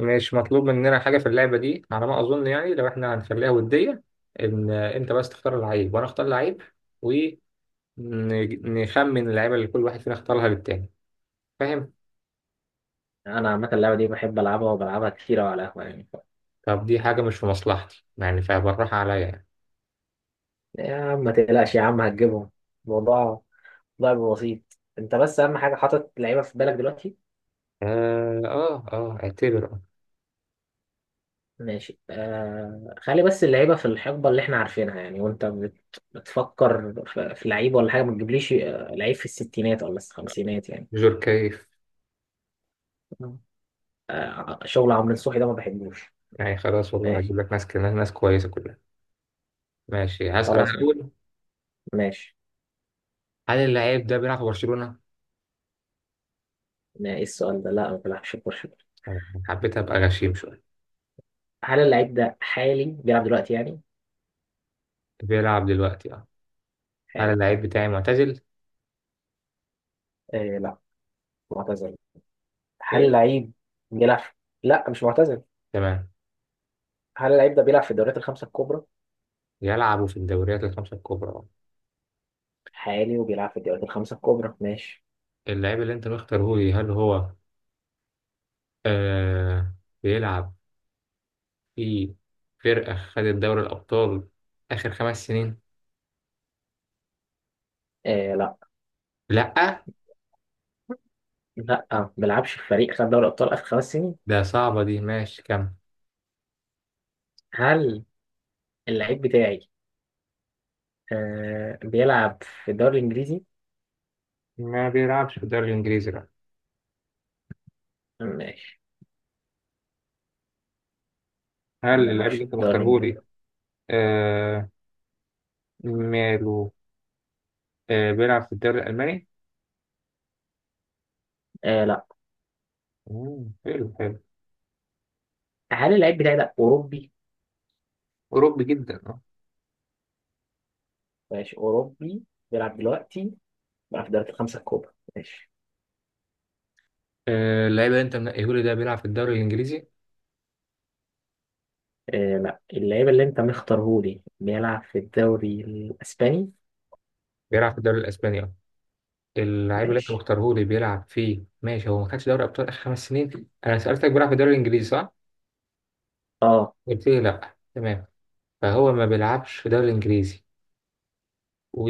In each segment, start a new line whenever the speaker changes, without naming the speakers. مش مطلوب مننا حاجة في اللعبة دي على ما أظن، يعني لو إحنا هنخليها ودية، إن أنت بس تختار اللعيب وأنا أختار لعيب ونخمن اللعيبة اللي كل واحد فينا اختارها للتاني. فاهم؟
يعني انا عامه اللعبه دي بحب العبها وبلعبها كتير أوي على القهوه يعني
طب دي حاجة مش في مصلحتي يعني، فبالراحة عليا يعني.
يا عم ما تقلقش، يا عم هتجيبهم. الموضوع لعب بسيط. انت بس، اهم حاجه حاطط لعيبه في بالك دلوقتي.
اعتبر آه.
ماشي. خلي بس اللعيبه في الحقبه اللي احنا عارفينها يعني. وانت بتفكر في لعيب ولا حاجه، ما تجيبليش لعيب في الستينات ولا الخمسينات يعني.
جور كيف؟
مم. شغل عمرو نصوحي ده ما بحبوش.
يعني خلاص والله
ماشي.
هجيب لك ناس كده، ناس كويسة كلها. ماشي، هسأل أنا
خلاص. ماشي،
الأول.
ماشي.
هل اللعيب ده بيلعب في برشلونة؟
ما ايه السؤال ده؟ لا ما بيلعبش كوره.
تمام، حبيت أبقى غشيم شوية.
هل اللعيب ده حالي بيلعب دلوقتي يعني؟
بيلعب دلوقتي آه. هل
حالي.
اللعيب بتاعي معتزل؟
آه لا، معتزل. هل
ايه،
لعيب بيلعب. لا، مش معتزل.
تمام.
هل اللعيب ده بيلعب في الدوريات الخمسة الكبرى؟
يلعبوا في الدوريات الخمسة الكبرى.
حالي وبيلعب في الدوريات الخمسة الكبرى. ماشي.
اللاعب اللي انت مختاره لي، هل هو آه بيلعب في فرقة خدت دوري الأبطال آخر خمس سنين؟
آه لا،
لأ.
لا. ما بيلعبش في فريق خد دوري أبطال آخر 5 سنين.
ده صعبة دي، ماشي كم.
هل اللعيب بتاعي بيلعب في الدوري الإنجليزي؟
ما بيلعبش في الدوري الإنجليزي لا.
ماشي. ما
هل اللاعب
بيلعبش في
اللي انت
الدوري
مختاره
الإنجليزي،
لي آه ماله آه بيلعب في الدوري الألماني؟
آه لا.
حلو حلو.
هل اللعيب بتاعي ده أوروبي؟
أوروبي جدا اه.
ماشي. أوروبي، بيلعب دلوقتي، بيلعب في الدوريات الخمسة الكبرى. ماشي.
اللاعب اللي انت منقيه لي ده بيلعب في الدوري الإنجليزي؟
آه لا، اللعيب اللي أنت مختارهولي بيلعب في الدوري الإسباني.
بيلعب في الدوري الإسباني اه. اللعيب اللي انت
ماشي.
مختاره لي بيلعب فيه، ماشي. هو ما خدش دوري ابطال اخر خمس سنين، انا سالتك بيلعب في الدوري الانجليزي صح؟
اه.
قلت لي لا، تمام. فهو ما بيلعبش في الدوري الانجليزي و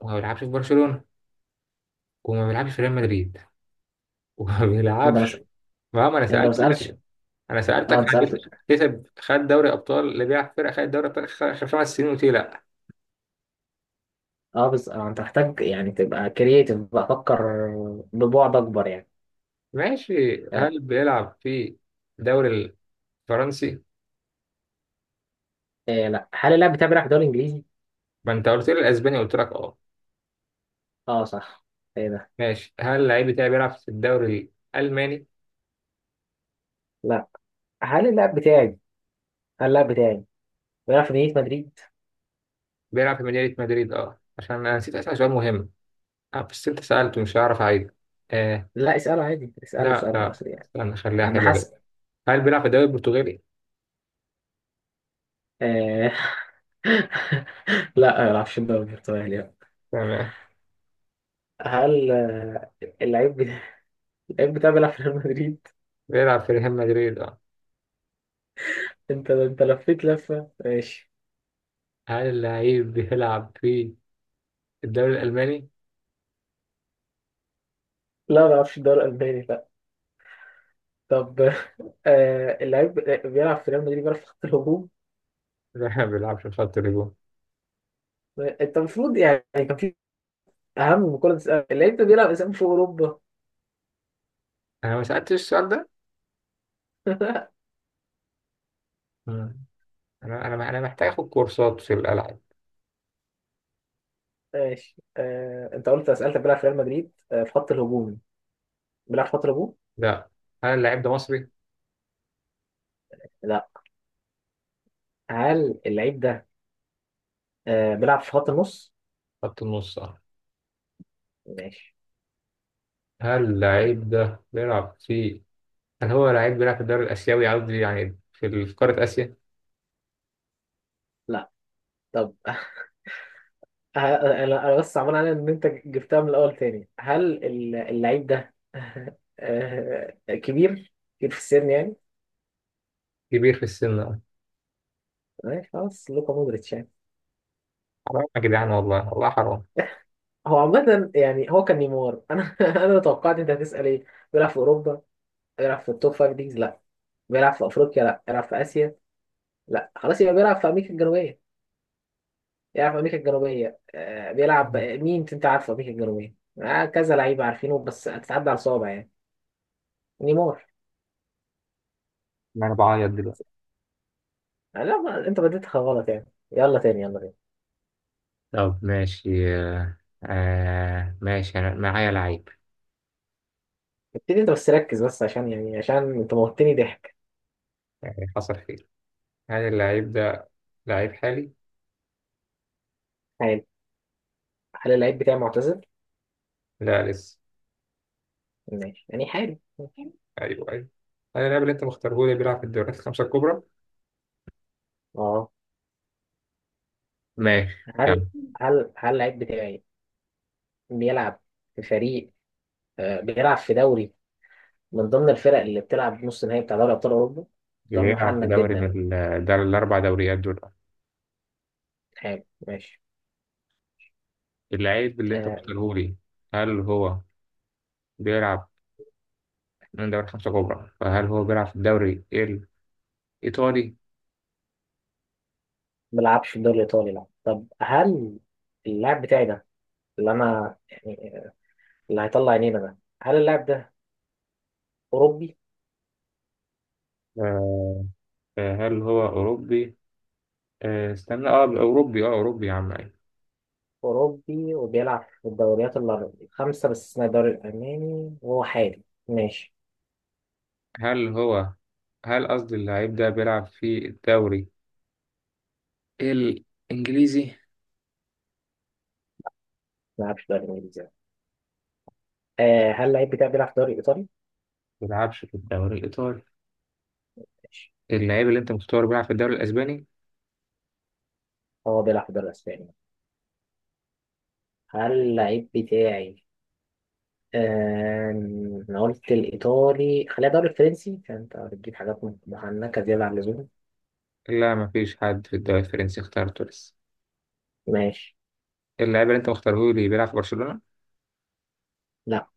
وما بيلعبش في برشلونه، وما بيلعبش في ريال مدريد، وما
انت بس،
بيلعبش. ما انا
انت ما سالش.
سالتك. انا
اه،
سالتك
انت
عن
سالت.
كسب خد دوري ابطال، اللي بيلعب في فرقه خد دوري ابطال آخر خمس سنين، قلت لي لا.
اه بس انت محتاج يعني تبقى كرييتيف، بقى فكر ببعد اكبر يعني.
ماشي،
آه.
هل بيلعب في الدوري الفرنسي؟
إيه لا، هل اللاعب بتاعي بيلعب في الدوري الانجليزي؟
ما انت قلت لي الاسباني، قلت لك اه.
اه صح. ايه ده؟
ماشي، هل اللعيب بتاعي بيلعب في الدوري الالماني؟
لا. هل اللاعب بتاعي هل اللاعب بتاعي بيلعب في مدينة مدريد؟
بيلعب في مدينة مدريد اه، عشان انا نسيت اسأل سؤال مهم. اه بس انت سألته، مش هعرف اعيد. آه
لا، اساله عادي، اساله
لا،
اساله
لا
اساله يعني.
استنى، خليها
انا
حلوة كده.
حاسس.
هل بيلعب في الدوري البرتغالي؟
آه. لا ما بيلعبش في الدوري البرتغالي، لا.
تمام.
هل اللعيب بتاعي اللعيب بتاعي بيلعب في ريال مدريد؟
بيلعب في ريال مدريد اه.
انت لفيت لفه. ماشي.
هل اللعيب بيلعب في الدوري الألماني؟
لا ما بيلعبش في الدوري الالماني. طب اللعيب بيلعب في ريال مدريد، بيلعب في خط الهجوم.
لا ما بيلعبش في خط الهجوم.
انت المفروض يعني كان في اهم من كل ده، تسأل اللعيب ده بيلعب اسامي في اوروبا.
انا ما سألتش السؤال ده. مم. انا محتاج اخد كورسات في الألعاب.
ماشي. انت قلت سألت بيلعب في ريال مدريد، في خط الهجوم. بيلعب في خط الهجوم؟
لا. هل اللعيب ده مصري؟
لا. هل اللعيب ده بيلعب في خط النص؟
خط النص اه.
ماشي.
هل اللعيب ده بيلعب في هل هو لعيب بيلعب في الدوري الآسيوي، قصدي يعني في قارة آسيا؟
لا طب. انا بس عمال على ان انت جبتها من الاول تاني. هل اللعيب ده كبير، كبير في السن يعني.
كبير في السن آه.
ماشي. خلاص. لوكا مودريتش يعني.
حرام يا جدعان، والله والله حرام.
هو عامة يعني، هو كان نيمار. انا انا توقعت انت هتسأل ايه. بيلعب في اوروبا؟ بيلعب في التوب فايف ليجز؟ لا. بيلعب في افريقيا؟ لا. بيلعب في اسيا؟ لا. خلاص يبقى بيلعب في امريكا الجنوبية. بيلعب في امريكا الجنوبية، آه. بيلعب مين انت عارف في امريكا الجنوبية؟ آه، كذا لعيبة عارفينه بس هتتعدى على صوابع يعني. نيمار.
ما انا بعيط دلوقتي.
آه لا، ما انت بديتها غلط يعني. يلا تاني، يلا تاني.
طب ماشي آه. ماشي أنا معايا لعيب.
ابتدي. انت بس ركز، بس عشان يعني عشان انت موتني ضحك.
يعني حصل خير. هل اللعيب ده لعيب حالي؟
حلو. هل اللعيب بتاعي معتزل؟
لا لسه.
ماشي يعني. حلو.
ايوه ايوه. هل اللاعب اللي انت مختاره لي بيلعب في الدوريات الخمسة الكبرى؟
اه.
ماشي كمل.
هل هل اللعيب بتاعي بيلعب في فريق، بيلعب في دوري من ضمن الفرق اللي بتلعب نص النهائي بتاع دوري ابطال اوروبا؟ سؤال
بيلعب في
محنك
دوري
جدا يعني.
من ده الأربع دوريات دول.
حلو. ماشي.
اللعيب اللي أنت
آه،
مختاره لي، هل هو بيلعب من دوري خمسة كبرى، فهل هو بيلعب في الدوري الإيطالي؟
ما بيلعبش في الدوري الايطالي، لا. طب، هل اللاعب بتاعي ده، اللي انا يعني اللي هيطلع عينينا ده، هل اللاعب ده اوروبي؟
آه، هل هو أوروبي؟ استنى اه، أوروبي اه، أوروبي يا عم أيوة.
اوروبي وبيلعب في الدوريات الخمسه، بس اسمها الدوري الالماني، وهو حالي. ماشي.
هل هو هل قصدي اللعيب ده بيلعب في الدوري الإنجليزي؟
ما بيلعبش في الدوري الانجليزي يعني. هل اللعيب بتاعي بيلعب في الدوري الايطالي؟
ما بيلعبش في الدوري الإيطالي.
ماشي.
اللعيب اللي أنت مختاره بيلعب في الدوري الأسباني؟
هو بيلعب في الدوري الاسباني. هل اللعيب بتاعي؟ انا قلت الايطالي، خليها دوري فرنسي عشان انت بتجيب حاجات مهنكه زياده عن اللزوم.
لا، مفيش حد في الدوري الفرنسي اخترته لسه.
ماشي.
اللعيب اللي أنت مختاره لي بيلعب في برشلونة؟
لا.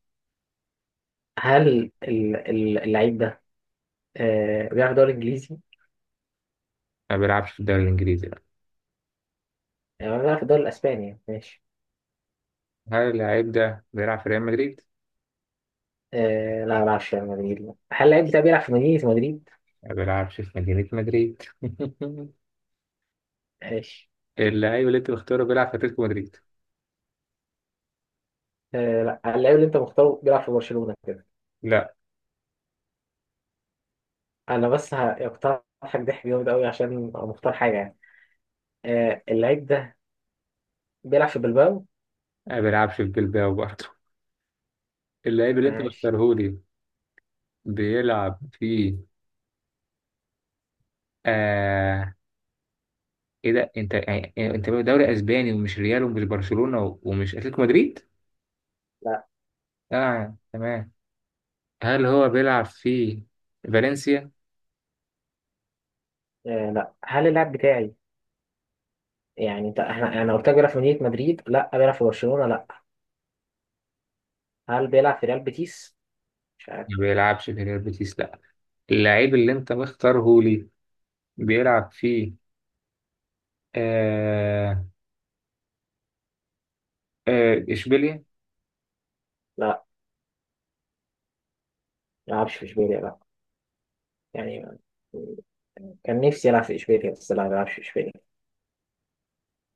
هل اللعيب ده بيلعب في الدوري الانجليزي؟
ما بيلعبش في الدوري الإنجليزي لا.
يعني بيلعب في الدوري الاسباني يعني. ماشي.
هل اللعيب ده بيلعب في ريال مدريد؟
لا ما بيلعبش في ريال مدريد، لا. هل اللعيب ده بيلعب في مدينه مدريد؟
ما بيلعبش في مدينة مدريد
ماشي.
اللعيب اللي أنت مختاره بيلعب في أتلتيكو مدريد؟
لا، اللعيب اللي انت مختاره بيلعب في برشلونه كده.
لا،
انا بس هقترحك ضحك جامد قوي عشان مختار حاجه يعني. اللعيب ده بيلعب في بلباو؟
ما بيلعبش في بلباو برضه اللعيب اللي أنت
ماشي.
مختاره بيلعب في آه ايه ده، انت يعني انت دوري اسباني ومش ريال ومش برشلونة ومش اتلتيكو مدريد؟
لا.
اه تمام. هل هو بيلعب في فالنسيا؟
لا. هل اللاعب بتاعي، يعني انت، احنا انا قلت لك بيلعب في مدينة مدريد لا، بيلعب في برشلونة لا. هل بيلعب في ريال بيتيس؟ مش عارف.
ما بيلعبش في ريال بيتيس لا. اللعيب اللي انت مختاره لي بيلعب في آه آه اشبيليا؟
لا ما بيلعبش في اشبيليا، لا. يعني كان نفسي يلعب في اشبيليا، بس لا، ما بيلعبش في اشبيليا.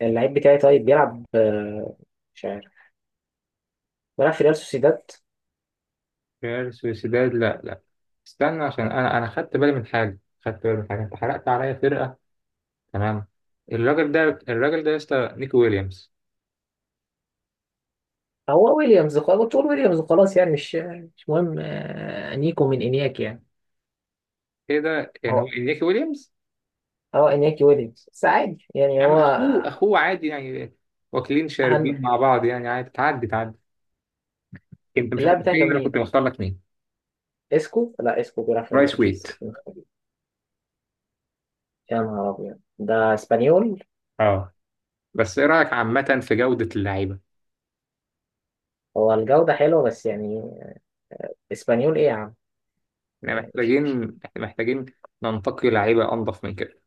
اللعيب بتاعي طيب بيلعب، مش عارف، بيلعب في ريال سوسيداد؟
ريال سوسيداد لا لا، استنى عشان انا خدت بالي من حاجه، خدت بالي من حاجه، انت حرقت عليا فرقه. تمام. الراجل ده يا اسطى نيكي ويليامز.
هو ويليامز خلاص، تقول ويليامز خلاص يعني، مش مهم. نيكو من انياك يعني.
ايه ده، يعني هو
هو،
نيكي ويليامز؟
اه، انياكي ويليامز بس عادي يعني،
يا عم
هو
اخوه اخوه عادي يعني، واكلين
اهم.
شاربين مع بعض يعني عادي، تعدي تعدي. انت مش
اللاعب
هتعرف
بتاعي كان
مين انا كنت
مين؟
مختار لك مين.
اسكو. لا اسكو بيلعب في ريال
رايس ويت.
بيتيس. يا نهار أبيض، ده اسبانيول.
اه بس ايه رايك عامه في جوده اللعيبه؟
هو الجودة حلوة بس يعني، اسبانيول إيه يا عم، يعني.
احنا محتاجين ننتقي لعيبه انضف من كده.